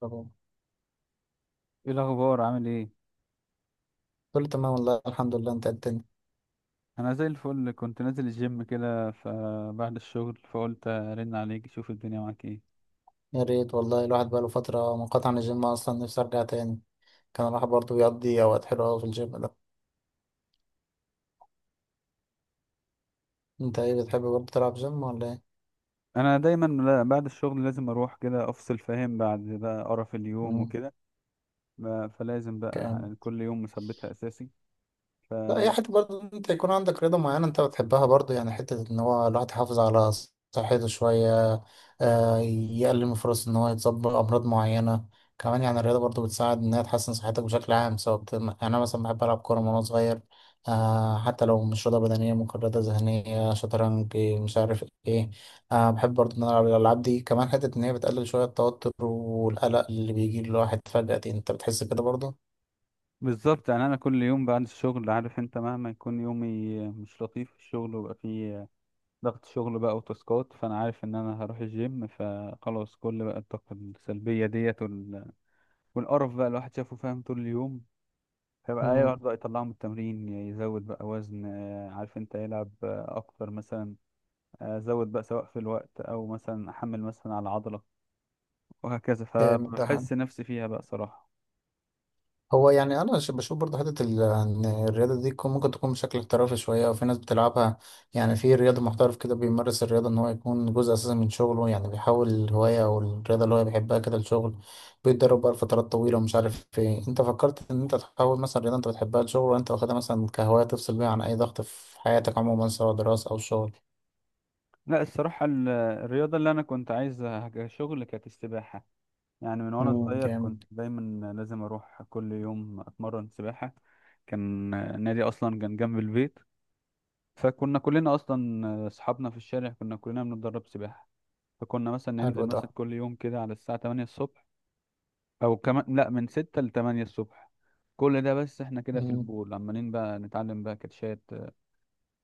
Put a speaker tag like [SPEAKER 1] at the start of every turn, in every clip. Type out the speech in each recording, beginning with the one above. [SPEAKER 1] طبعا،
[SPEAKER 2] ايه الاخبار عامل ايه؟
[SPEAKER 1] كله تمام والله، الحمد لله. انت إيه الدنيا؟
[SPEAKER 2] انا زي الفل كنت نازل الجيم كده، فبعد الشغل فقلت ارن عليك اشوف الدنيا معاك ايه.
[SPEAKER 1] يا ريت والله. الواحد بقاله فترة منقطع عن الجيم اصلا، نفسي ارجع تاني. كان الواحد برضه بيقضي اوقات حلوة أوي في الجيم ده. انت ايه، بتحب برضه تلعب جيم ولا ايه؟
[SPEAKER 2] انا دايما بعد الشغل لازم اروح كده افصل، فاهم، بعد بقى قرف اليوم وكده. فلازم بقى
[SPEAKER 1] امم
[SPEAKER 2] يعني كل يوم مثبتها اساسي.
[SPEAKER 1] لا، هي حتة برضه إن انت يكون عندك رياضة معينة انت بتحبها برضه، يعني حتة ان هو الواحد يحافظ على صحته شوية. يقلل من فرص ان هو يتصاب بأمراض معينة. كمان يعني الرياضة برضه بتساعد انها تحسن صحتك بشكل عام، سواء يعني انا مثلا بحب العب كورة من وانا صغير. حتى لو مش رياضة بدنية، ممكن رياضة ذهنية، شطرنج، إيه، مش عارف ايه. بحب برضه ان انا العب الالعاب دي، كمان حتة ان هي بتقلل شوية التوتر والقلق اللي بيجي للواحد فجأة دي. انت بتحس كده برضه؟
[SPEAKER 2] فبالظبط، يعني انا كل يوم بعد الشغل عارف انت مهما يكون يومي مش لطيف في الشغل ويبقى فيه ضغط شغل بقى وتاسكات، فانا عارف ان انا هروح الجيم، فخلاص كل بقى الطاقة السلبية ديت والقرف بقى الواحد شافه فاهم طول اليوم. فيبقى
[SPEAKER 1] مم.
[SPEAKER 2] ايوه يبدأ يطلعه من التمرين، يزود بقى وزن، عارف انت يلعب اكتر مثلا. زود بقى سواء في الوقت او مثلا احمل مثلا على عضلة، وهكذا،
[SPEAKER 1] جامد ده.
[SPEAKER 2] فبحس نفسي فيها بقى صراحة.
[SPEAKER 1] هو يعني انا بشوف برضه حته ان الرياضه دي ممكن تكون بشكل احترافي شويه، وفي ناس بتلعبها يعني في رياضه، محترف كده بيمارس الرياضه ان هو يكون جزء اساسي من شغله، يعني بيحول الهوايه او الرياضه اللي هو بيحبها كده لشغل، بيتدرب بقى لفترات طويله ومش عارف ايه. انت فكرت ان انت تحول مثلا رياضه انت بتحبها لشغل، ولا انت واخدها مثلا كهوايه تفصل بيها عن اي ضغط في حياتك عموما، سواء دراسه او شغل؟
[SPEAKER 2] لا الصراحة الرياضة اللي انا كنت عايزها كشغل كانت السباحة. يعني من وانا صغير كنت
[SPEAKER 1] جامد.
[SPEAKER 2] دايما لازم اروح كل يوم اتمرن سباحة. كان النادي اصلا كان جنب البيت، فكنا كلنا اصلا اصحابنا في الشارع كنا كلنا بنتدرب سباحة. فكنا مثلا ننزل
[SPEAKER 1] حلو ده.
[SPEAKER 2] مثلا كل يوم كده على الساعة 8 الصبح، أو كمان لأ من 6 ل 8 الصبح. كل ده بس احنا كده في البول عمالين بقى نتعلم بقى كاتشات.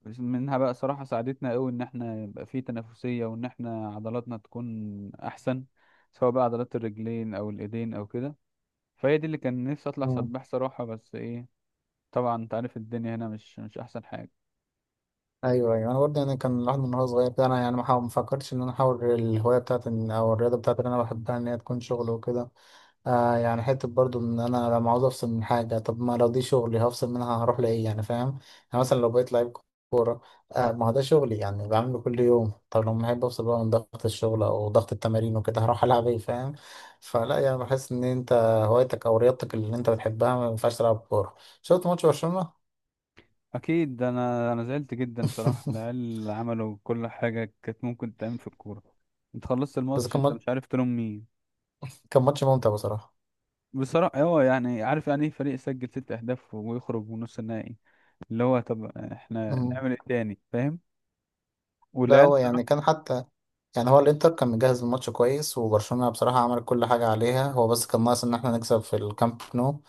[SPEAKER 2] بس منها بقى صراحة ساعدتنا قوي ان احنا يبقى في تنافسية وان احنا عضلاتنا تكون احسن، سواء بقى عضلات الرجلين او الايدين او كده. فهي دي اللي كان نفسي اطلع
[SPEAKER 1] امم
[SPEAKER 2] سباح صراحة، بس ايه، طبعا انت عارف الدنيا هنا مش احسن حاجة.
[SPEAKER 1] ايوه ايوه، انا برضه يعني كان الواحد من وهو صغير كده، انا يعني ما فكرتش ان انا احاول الهوايه بتاعتي، او الرياضه بتاعتي اللي انا بحبها ان هي تكون شغل وكده. آه يعني حته برضه ان انا لما عاوز افصل من حاجه، طب ما لو دي شغلي، هفصل منها هروح لايه يعني، فاهم؟ يعني مثلا لو بقيت لعيب كوره، آه ما هو ده شغلي يعني، بعمله كل يوم. طب لما احب افصل بقى من ضغط الشغل او ضغط التمارين وكده، هروح العب ايه، فاهم؟ فلا يعني، بحس ان انت هوايتك او رياضتك اللي انت بتحبها ما ينفعش تلعب كوره. شفت ماتش برشلونه؟
[SPEAKER 2] اكيد انا زعلت جدا صراحه، العيال عملوا كل حاجه كانت ممكن تعمل في الكوره. انت خلصت
[SPEAKER 1] بس
[SPEAKER 2] الماتش
[SPEAKER 1] كان
[SPEAKER 2] انت
[SPEAKER 1] ماتش-
[SPEAKER 2] مش عارف تلوم مين.
[SPEAKER 1] كان ماتش ممتع بصراحه.
[SPEAKER 2] بصراحه هو يعني عارف يعني ايه فريق يسجل ست اهداف ويخرج من نص النهائي؟ اللي هو طب احنا
[SPEAKER 1] مم.
[SPEAKER 2] نعمل ايه تاني، فاهم.
[SPEAKER 1] لا
[SPEAKER 2] والعيال
[SPEAKER 1] هو
[SPEAKER 2] صراحة-
[SPEAKER 1] يعني كان حتى يعني، هو الانتر كان مجهز الماتش كويس، وبرشلونة بصراحة عمل كل حاجة عليها هو، بس كان ناقص ان احنا نكسب في الكامب نو.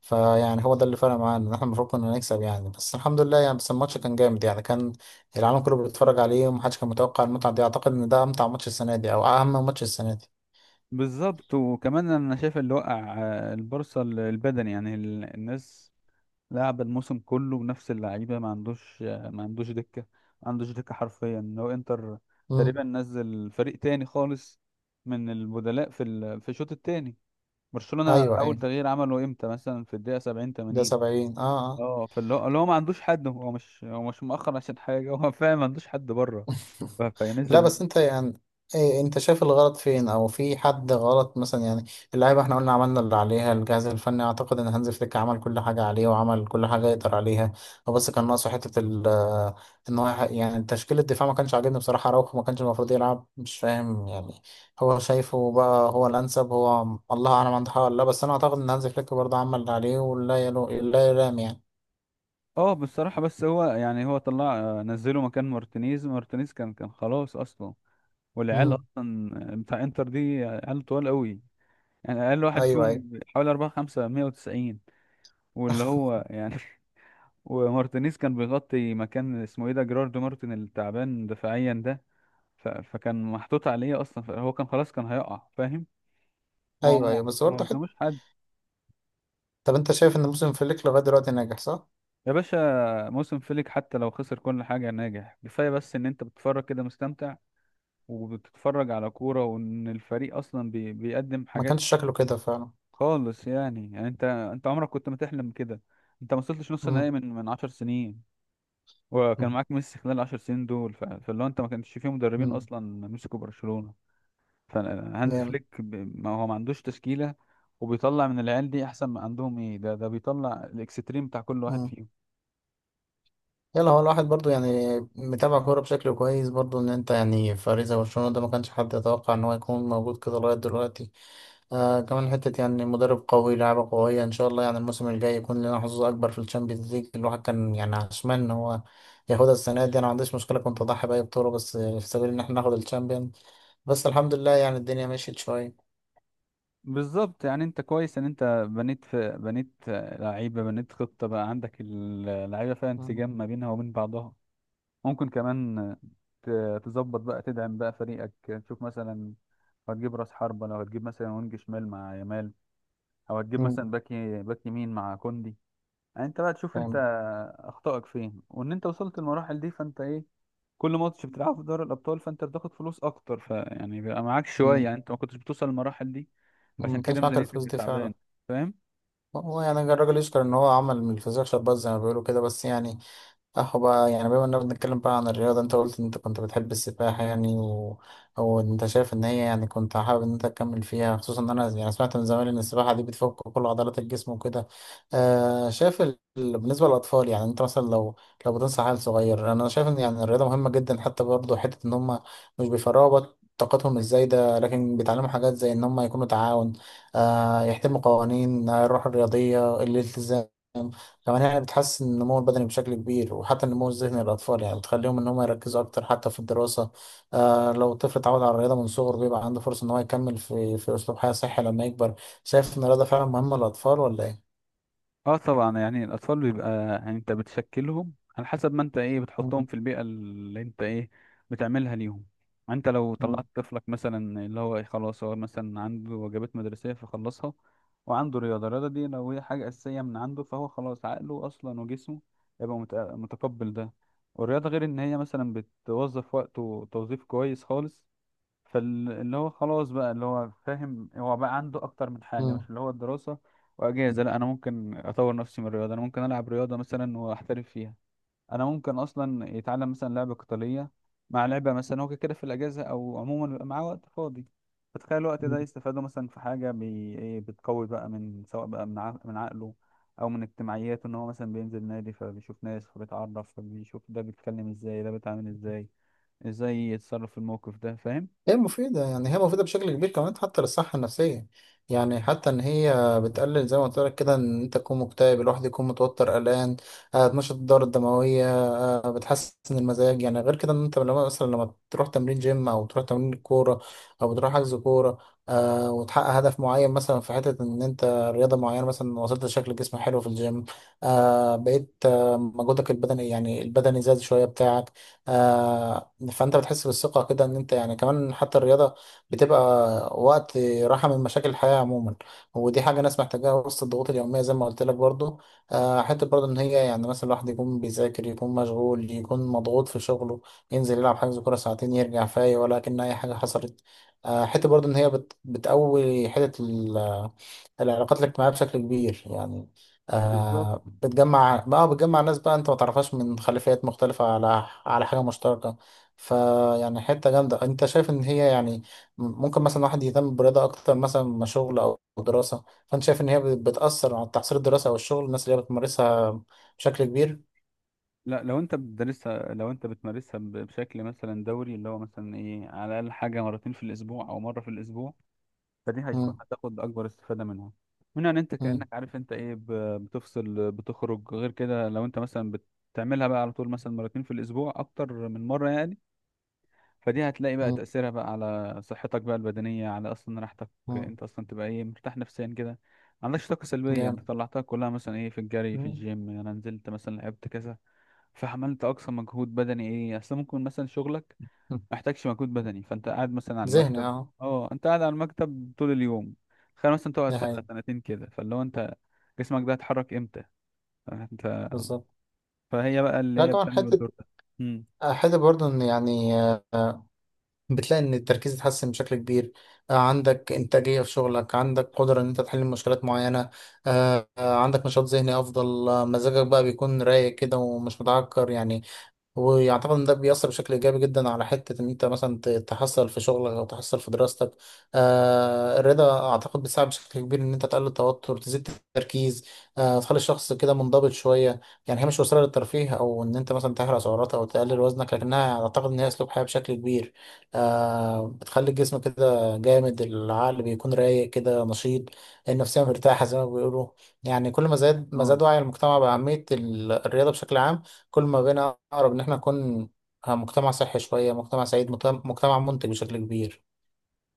[SPEAKER 1] فيعني هو ده اللي فرق معانا، ان احنا المفروض كنا نكسب يعني. بس الحمد لله يعني. بس الماتش كان جامد يعني، كان العالم كله بيتفرج عليه، ومحدش كان متوقع المتعة دي. اعتقد ان ده امتع ماتش السنة دي، او اهم ماتش السنة دي.
[SPEAKER 2] بالظبط، وكمان انا شايف اللي وقع، البورصه البدني، يعني الناس لعب الموسم كله بنفس اللعيبه، ما عندوش دكه. ما عندوش دكه حرفيا، هو انتر
[SPEAKER 1] مم.
[SPEAKER 2] تقريبا نزل فريق تاني خالص من البدلاء في الشوط التاني. برشلونه
[SPEAKER 1] ايوه
[SPEAKER 2] اول
[SPEAKER 1] ايوه،
[SPEAKER 2] تغيير عمله امتى، مثلا في الدقيقه 70
[SPEAKER 1] ده
[SPEAKER 2] 80.
[SPEAKER 1] 70، اه. اه.
[SPEAKER 2] اه، فاللي هو اللي هو ما عندوش حد، هو مش مؤخر عشان حاجه، هو فعلا ما عندوش حد بره.
[SPEAKER 1] لا
[SPEAKER 2] فينزل.
[SPEAKER 1] بس انت يعني، ايه، انت شايف الغلط فين، او في حد غلط مثلا يعني؟ اللعيبه احنا قلنا عملنا اللي عليها، الجهاز الفني اعتقد ان هانز فليك عمل كل حاجه عليه، وعمل كل حاجه يقدر عليها. هو بس كان ناقصه حته ال آه، ان هو يعني تشكيل الدفاع ما كانش عاجبني بصراحه. راوخو ما كانش المفروض يلعب، مش فاهم يعني هو شايفه بقى هو الانسب، هو الله اعلم، عنده حق ولا لا. بس انا اعتقد ان هانز فليك برضه عمل اللي عليه، ولا لا يلام يعني.
[SPEAKER 2] اه بصراحه، بس هو يعني هو طلع نزله مكان مارتينيز. مارتينيز كان خلاص اصلا، والعيال
[SPEAKER 1] مم.
[SPEAKER 2] اصلا بتاع انتر دي عيال طوال قوي، يعني اقل واحد
[SPEAKER 1] ايوه ايوه.
[SPEAKER 2] فيهم حوالي أربعة خمسة مية وتسعين. واللي هو يعني ومارتينيز كان بيغطي مكان اسمه ايه ده، جيراردو مارتن التعبان دفاعيا ده. فكان محطوط عليه اصلا، فهو كان خلاص كان هيقع فاهم. هو
[SPEAKER 1] ايوه ايوه، بس
[SPEAKER 2] ما
[SPEAKER 1] برضه،
[SPEAKER 2] قداموش حد.
[SPEAKER 1] طب انت شايف ان موسم فليك لغايه دلوقتي ناجح، صح؟
[SPEAKER 2] يا باشا، موسم فليك حتى لو خسر كل حاجة ناجح كفاية، بس ان انت بتتفرج كده مستمتع، وبتتفرج على كورة وان الفريق اصلا بيقدم
[SPEAKER 1] ما
[SPEAKER 2] حاجات
[SPEAKER 1] كانش شكله كده فعلا.
[SPEAKER 2] خالص. يعني انت عمرك كنت ما تحلم كده. انت ما وصلتش نص
[SPEAKER 1] امم
[SPEAKER 2] النهائي من عشر سنين، وكان معاك ميسي خلال العشر سنين دول. فاللي هو انت ما كانش فيه مدربين
[SPEAKER 1] امم
[SPEAKER 2] اصلا مسكوا برشلونة. فهانز
[SPEAKER 1] جامد.
[SPEAKER 2] فليك ما هو ما عندوش تشكيلة، وبيطلع من العيال دي احسن ما عندهم، ايه ده بيطلع الاكستريم بتاع كل واحد
[SPEAKER 1] امم
[SPEAKER 2] فيهم.
[SPEAKER 1] يلا، هو الواحد برضو يعني متابع كوره بشكل كويس برضو، ان انت يعني فريق زي برشلونه ده ما كانش حد يتوقع ان هو يكون موجود كده لغايه دلوقتي. آه، كمان حته يعني مدرب قوي، لعبه قويه. ان شاء الله يعني الموسم الجاي يكون لنا حظوظ اكبر في الشامبيونز ليج. الواحد كان يعني عشمان ان هو ياخدها السنه دي. انا ما عنديش مشكله، كنت اضحي باي بطوله بس في سبيل ان احنا ناخد الشامبيونز. بس الحمد لله يعني، الدنيا مشيت شويه.
[SPEAKER 2] بالظبط، يعني انت كويس ان انت بنيت، في بنيت لعيبة، بنيت خطة بقى، عندك اللعيبة فيها
[SPEAKER 1] امم
[SPEAKER 2] انسجام ما بينها وبين بعضها. ممكن كمان تظبط بقى، تدعم بقى فريقك، تشوف مثلا هتجيب راس حربة، لو هتجيب مثلا وينج شمال مع يامال، او هتجيب
[SPEAKER 1] امم.
[SPEAKER 2] مثلا باك يمين مع كوندي. يعني انت بقى تشوف انت
[SPEAKER 1] تمام.
[SPEAKER 2] اخطائك فين، وان انت وصلت للمراحل دي فانت ايه، كل ماتش بتلعبه في دوري الابطال فانت بتاخد فلوس اكتر، فيعني بيبقى معاك شويه،
[SPEAKER 1] مم.
[SPEAKER 2] يعني انت ما كنتش بتوصل للمراحل دي، فعشان
[SPEAKER 1] ما
[SPEAKER 2] كده
[SPEAKER 1] كانش معاك
[SPEAKER 2] ميزانيتك
[SPEAKER 1] الفلوس
[SPEAKER 2] كانت
[SPEAKER 1] دي فعلا.
[SPEAKER 2] تعبانه. فاهم.
[SPEAKER 1] هو يعني الراجل يشكر ان هو عمل من الفسيخ شربات، زي ما بيقولوا كده. بس يعني صح بقى، يعني بما اننا بنتكلم بقى عن الرياضة، انت قلت ان انت كنت بتحب السباحة يعني، او انت شايف ان هي يعني كنت حابب ان انت تكمل فيها، خصوصا ان انا يعني سمعت من زمان ان السباحة دي بتفك كل عضلات الجسم وكده. آه، شايف بالنسبة للاطفال، يعني انت مثلا لو لو بتنصح عيل صغير، انا شايف ان يعني الرياضة مهمة جدا، حتى برضه حتة ان هم مش بيفرغوا طاقتهم الزايدة، لكن بيتعلموا حاجات زي ان هم يكونوا تعاون. آه، يحترموا قوانين، الروح الرياضية، الالتزام. كمان يعني بتحسن النمو البدني بشكل كبير، وحتى النمو الذهني للأطفال، يعني بتخليهم إن هم يركزوا أكتر حتى في الدراسة. آه، لو الطفل اتعود على الرياضة من صغره، بيبقى عنده فرصة إن هو يكمل في في أسلوب حياة صحي لما يكبر. شايف إن الرياضة فعلا مهمة للأطفال، ولا إيه؟
[SPEAKER 2] اه طبعا، يعني الاطفال بيبقى، يعني انت بتشكلهم على حسب ما انت ايه
[SPEAKER 1] مم.
[SPEAKER 2] بتحطهم في البيئه اللي انت ايه بتعملها ليهم. انت لو
[SPEAKER 1] مم.
[SPEAKER 2] طلعت طفلك مثلا اللي هو إيه، خلاص، هو مثلا عنده واجبات مدرسيه فخلصها، وعنده رياضه، الرياضه دي لو هي حاجه اساسيه من عنده فهو خلاص عقله اصلا وجسمه هيبقى متقبل ده. والرياضه غير ان هي مثلا بتوظف وقته توظيف كويس خالص، فاللي هو خلاص بقى اللي هو فاهم، هو بقى عنده اكتر من حاجه
[SPEAKER 1] مم.
[SPEAKER 2] مش اللي هو الدراسه واجازه. لا، انا ممكن اطور نفسي من الرياضه، انا ممكن العب رياضه مثلا واحترف فيها، انا ممكن اصلا يتعلم مثلا لعبه قتاليه مع لعبه مثلا، هو كده كده في الاجازه او عموما بيبقى معاه وقت فاضي. فتخيل الوقت ده يستفاده مثلا في حاجه إيه، بتقوي بقى من سواء بقى من عقله او من اجتماعياته، ان هو مثلا بينزل نادي فبيشوف ناس فبيتعرف، فبيشوف ده بيتكلم ازاي، ده بيتعامل ازاي، ازاي يتصرف في الموقف ده، فاهم.
[SPEAKER 1] هي مفيدة يعني، هي مفيدة بشكل كبير، كمان حتى للصحة النفسية يعني. حتى إن هي بتقلل زي ما قلت لك كده، إن أنت تكون مكتئب، الواحد يكون متوتر قلقان. بتنشط الدورة الدموية. بتحسن المزاج يعني. غير كده إن أنت لما مثلا لما تروح تمرين جيم أو تروح تمرين كورة، أو بتروح حجز كورة، وتحقق هدف معين مثلا في حتة إن أنت رياضة معينة، مثلا وصلت لشكل جسم حلو في الجيم. بقيت مجهودك البدني يعني البدني زاد شوية بتاعك. فانت بتحس بالثقه كده ان انت يعني. كمان حتى الرياضه بتبقى وقت راحه من مشاكل الحياه عموما، ودي حاجه ناس محتاجاها وسط الضغوط اليوميه زي ما قلت لك برضو. حته برضو ان هي يعني مثلا الواحد يكون بيذاكر، يكون مشغول، يكون مضغوط في شغله، ينزل يلعب حجز كوره ساعتين، يرجع فايق ولا كأن اي حاجه حصلت. حته برضو ان هي بتقوي حته العلاقات الاجتماعيه بشكل كبير يعني.
[SPEAKER 2] بالظبط.
[SPEAKER 1] آه، بتجمع بقى، بتجمع ناس بقى انت ما تعرفهاش من خلفيات مختلفة، على على حاجة مشتركة. فيعني حتة جامدة. انت شايف ان هي يعني ممكن مثلا واحد يهتم بالرياضة اكتر مثلا ما شغل او دراسة، فانت شايف ان هي بتأثر على تحصيل الدراسة او الشغل الناس اللي هي بتمارسها بشكل كبير؟
[SPEAKER 2] لا لو انت بتدرسها، لو انت بتمارسها بشكل مثلا دوري، اللي هو مثلا ايه على الاقل حاجه مرتين في الاسبوع او مره في الاسبوع، فدي هيكون
[SPEAKER 1] مم.
[SPEAKER 2] هتاخد اكبر استفاده منها، ان انت
[SPEAKER 1] مم.
[SPEAKER 2] كانك عارف انت ايه، بتفصل بتخرج. غير كده لو انت مثلا بتعملها بقى على طول مثلا مرتين في الاسبوع اكتر من مره يعني، فدي هتلاقي بقى
[SPEAKER 1] مم.
[SPEAKER 2] تاثيرها بقى على صحتك بقى البدنيه، على اصلا راحتك.
[SPEAKER 1] مم.
[SPEAKER 2] انت اصلا تبقى ايه مرتاح نفسيا كده، ما عندكش طاقه سلبيه، انت
[SPEAKER 1] جامد.
[SPEAKER 2] طلعتها كلها مثلا ايه في الجري في
[SPEAKER 1] مم.
[SPEAKER 2] الجيم، انا نزلت مثلا لعبت كذا فعملت اقصى مجهود بدني، ايه اصل ممكن مثلا شغلك
[SPEAKER 1] مم.
[SPEAKER 2] محتاجش مجهود بدني فانت قاعد مثلا على
[SPEAKER 1] ذهني،
[SPEAKER 2] المكتب.
[SPEAKER 1] اه.
[SPEAKER 2] اه انت قاعد على المكتب طول اليوم، خلينا مثلا تقعد
[SPEAKER 1] ده
[SPEAKER 2] سنه
[SPEAKER 1] هي.
[SPEAKER 2] سنتين كده، فاللي هو انت جسمك ده هيتحرك امتى؟ فانت،
[SPEAKER 1] بالظبط.
[SPEAKER 2] فهي بقى
[SPEAKER 1] لا
[SPEAKER 2] اللي هي
[SPEAKER 1] كمان
[SPEAKER 2] بتعمل
[SPEAKER 1] حتة،
[SPEAKER 2] الدور ده.
[SPEAKER 1] حتة برضه ان يعني، آه، بتلاقي ان التركيز اتحسن بشكل كبير. عندك انتاجيه في شغلك، عندك قدره ان انت تحل مشكلات معينه. عندك نشاط ذهني افضل. مزاجك بقى بيكون رايق كده ومش متعكر يعني. ويعتقد ان ده بيأثر بشكل ايجابي جدا على حته ان انت مثلا تحصل في شغلك او تحصل في دراستك. آه، الرضا اعتقد بيساعد بشكل كبير ان انت تقلل التوتر، تزيد التركيز. آه، تخلي الشخص كده منضبط شويه يعني. هي مش وسيله للترفيه او ان انت مثلا تحرق سعرات او تقلل وزنك، لكنها اعتقد ان هي اسلوب حياه بشكل كبير. آه، بتخلي الجسم كده جامد، العقل بيكون رايق كده نشيط، النفسيه مرتاحه زي ما بيقولوا. يعني كل ما زاد، ما
[SPEAKER 2] امم.
[SPEAKER 1] زاد وعي المجتمع باهميه الرياضه بشكل عام، كل ما بقينا أقرب إن إحنا نكون مجتمع صحي شوية، مجتمع سعيد، مجتمع منتج بشكل كبير.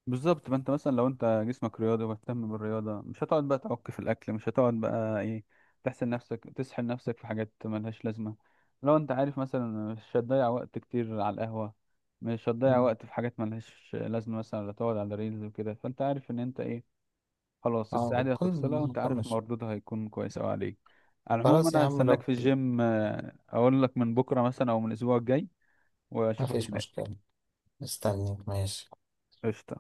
[SPEAKER 2] بالظبط، ما انت مثلا لو انت جسمك رياضي ومهتم بالرياضة مش هتقعد بقى تعك في الأكل، مش هتقعد بقى ايه تحسن نفسك تسحل نفسك في حاجات ملهاش لازمة. لو انت عارف مثلا مش هتضيع وقت كتير على القهوة، مش هتضيع
[SPEAKER 1] مم.
[SPEAKER 2] وقت في حاجات ملهاش لازمة مثلا ولا تقعد على ريلز وكده، فانت عارف ان انت ايه، خلاص،
[SPEAKER 1] اه،
[SPEAKER 2] الساعة دي
[SPEAKER 1] بتكون
[SPEAKER 2] هتفصلها وانت عارف
[SPEAKER 1] مطمش.
[SPEAKER 2] مردودها هيكون كويس اوي عليك. على العموم،
[SPEAKER 1] خلاص يا
[SPEAKER 2] انا
[SPEAKER 1] عم،
[SPEAKER 2] هستناك
[SPEAKER 1] لو
[SPEAKER 2] في الجيم، اقول لك من بكرة مثلا او من الاسبوع الجاي،
[SPEAKER 1] ما
[SPEAKER 2] واشوفك
[SPEAKER 1] فيش
[SPEAKER 2] هناك.
[SPEAKER 1] مشكلة. استنيك، ماشي.
[SPEAKER 2] قشطة.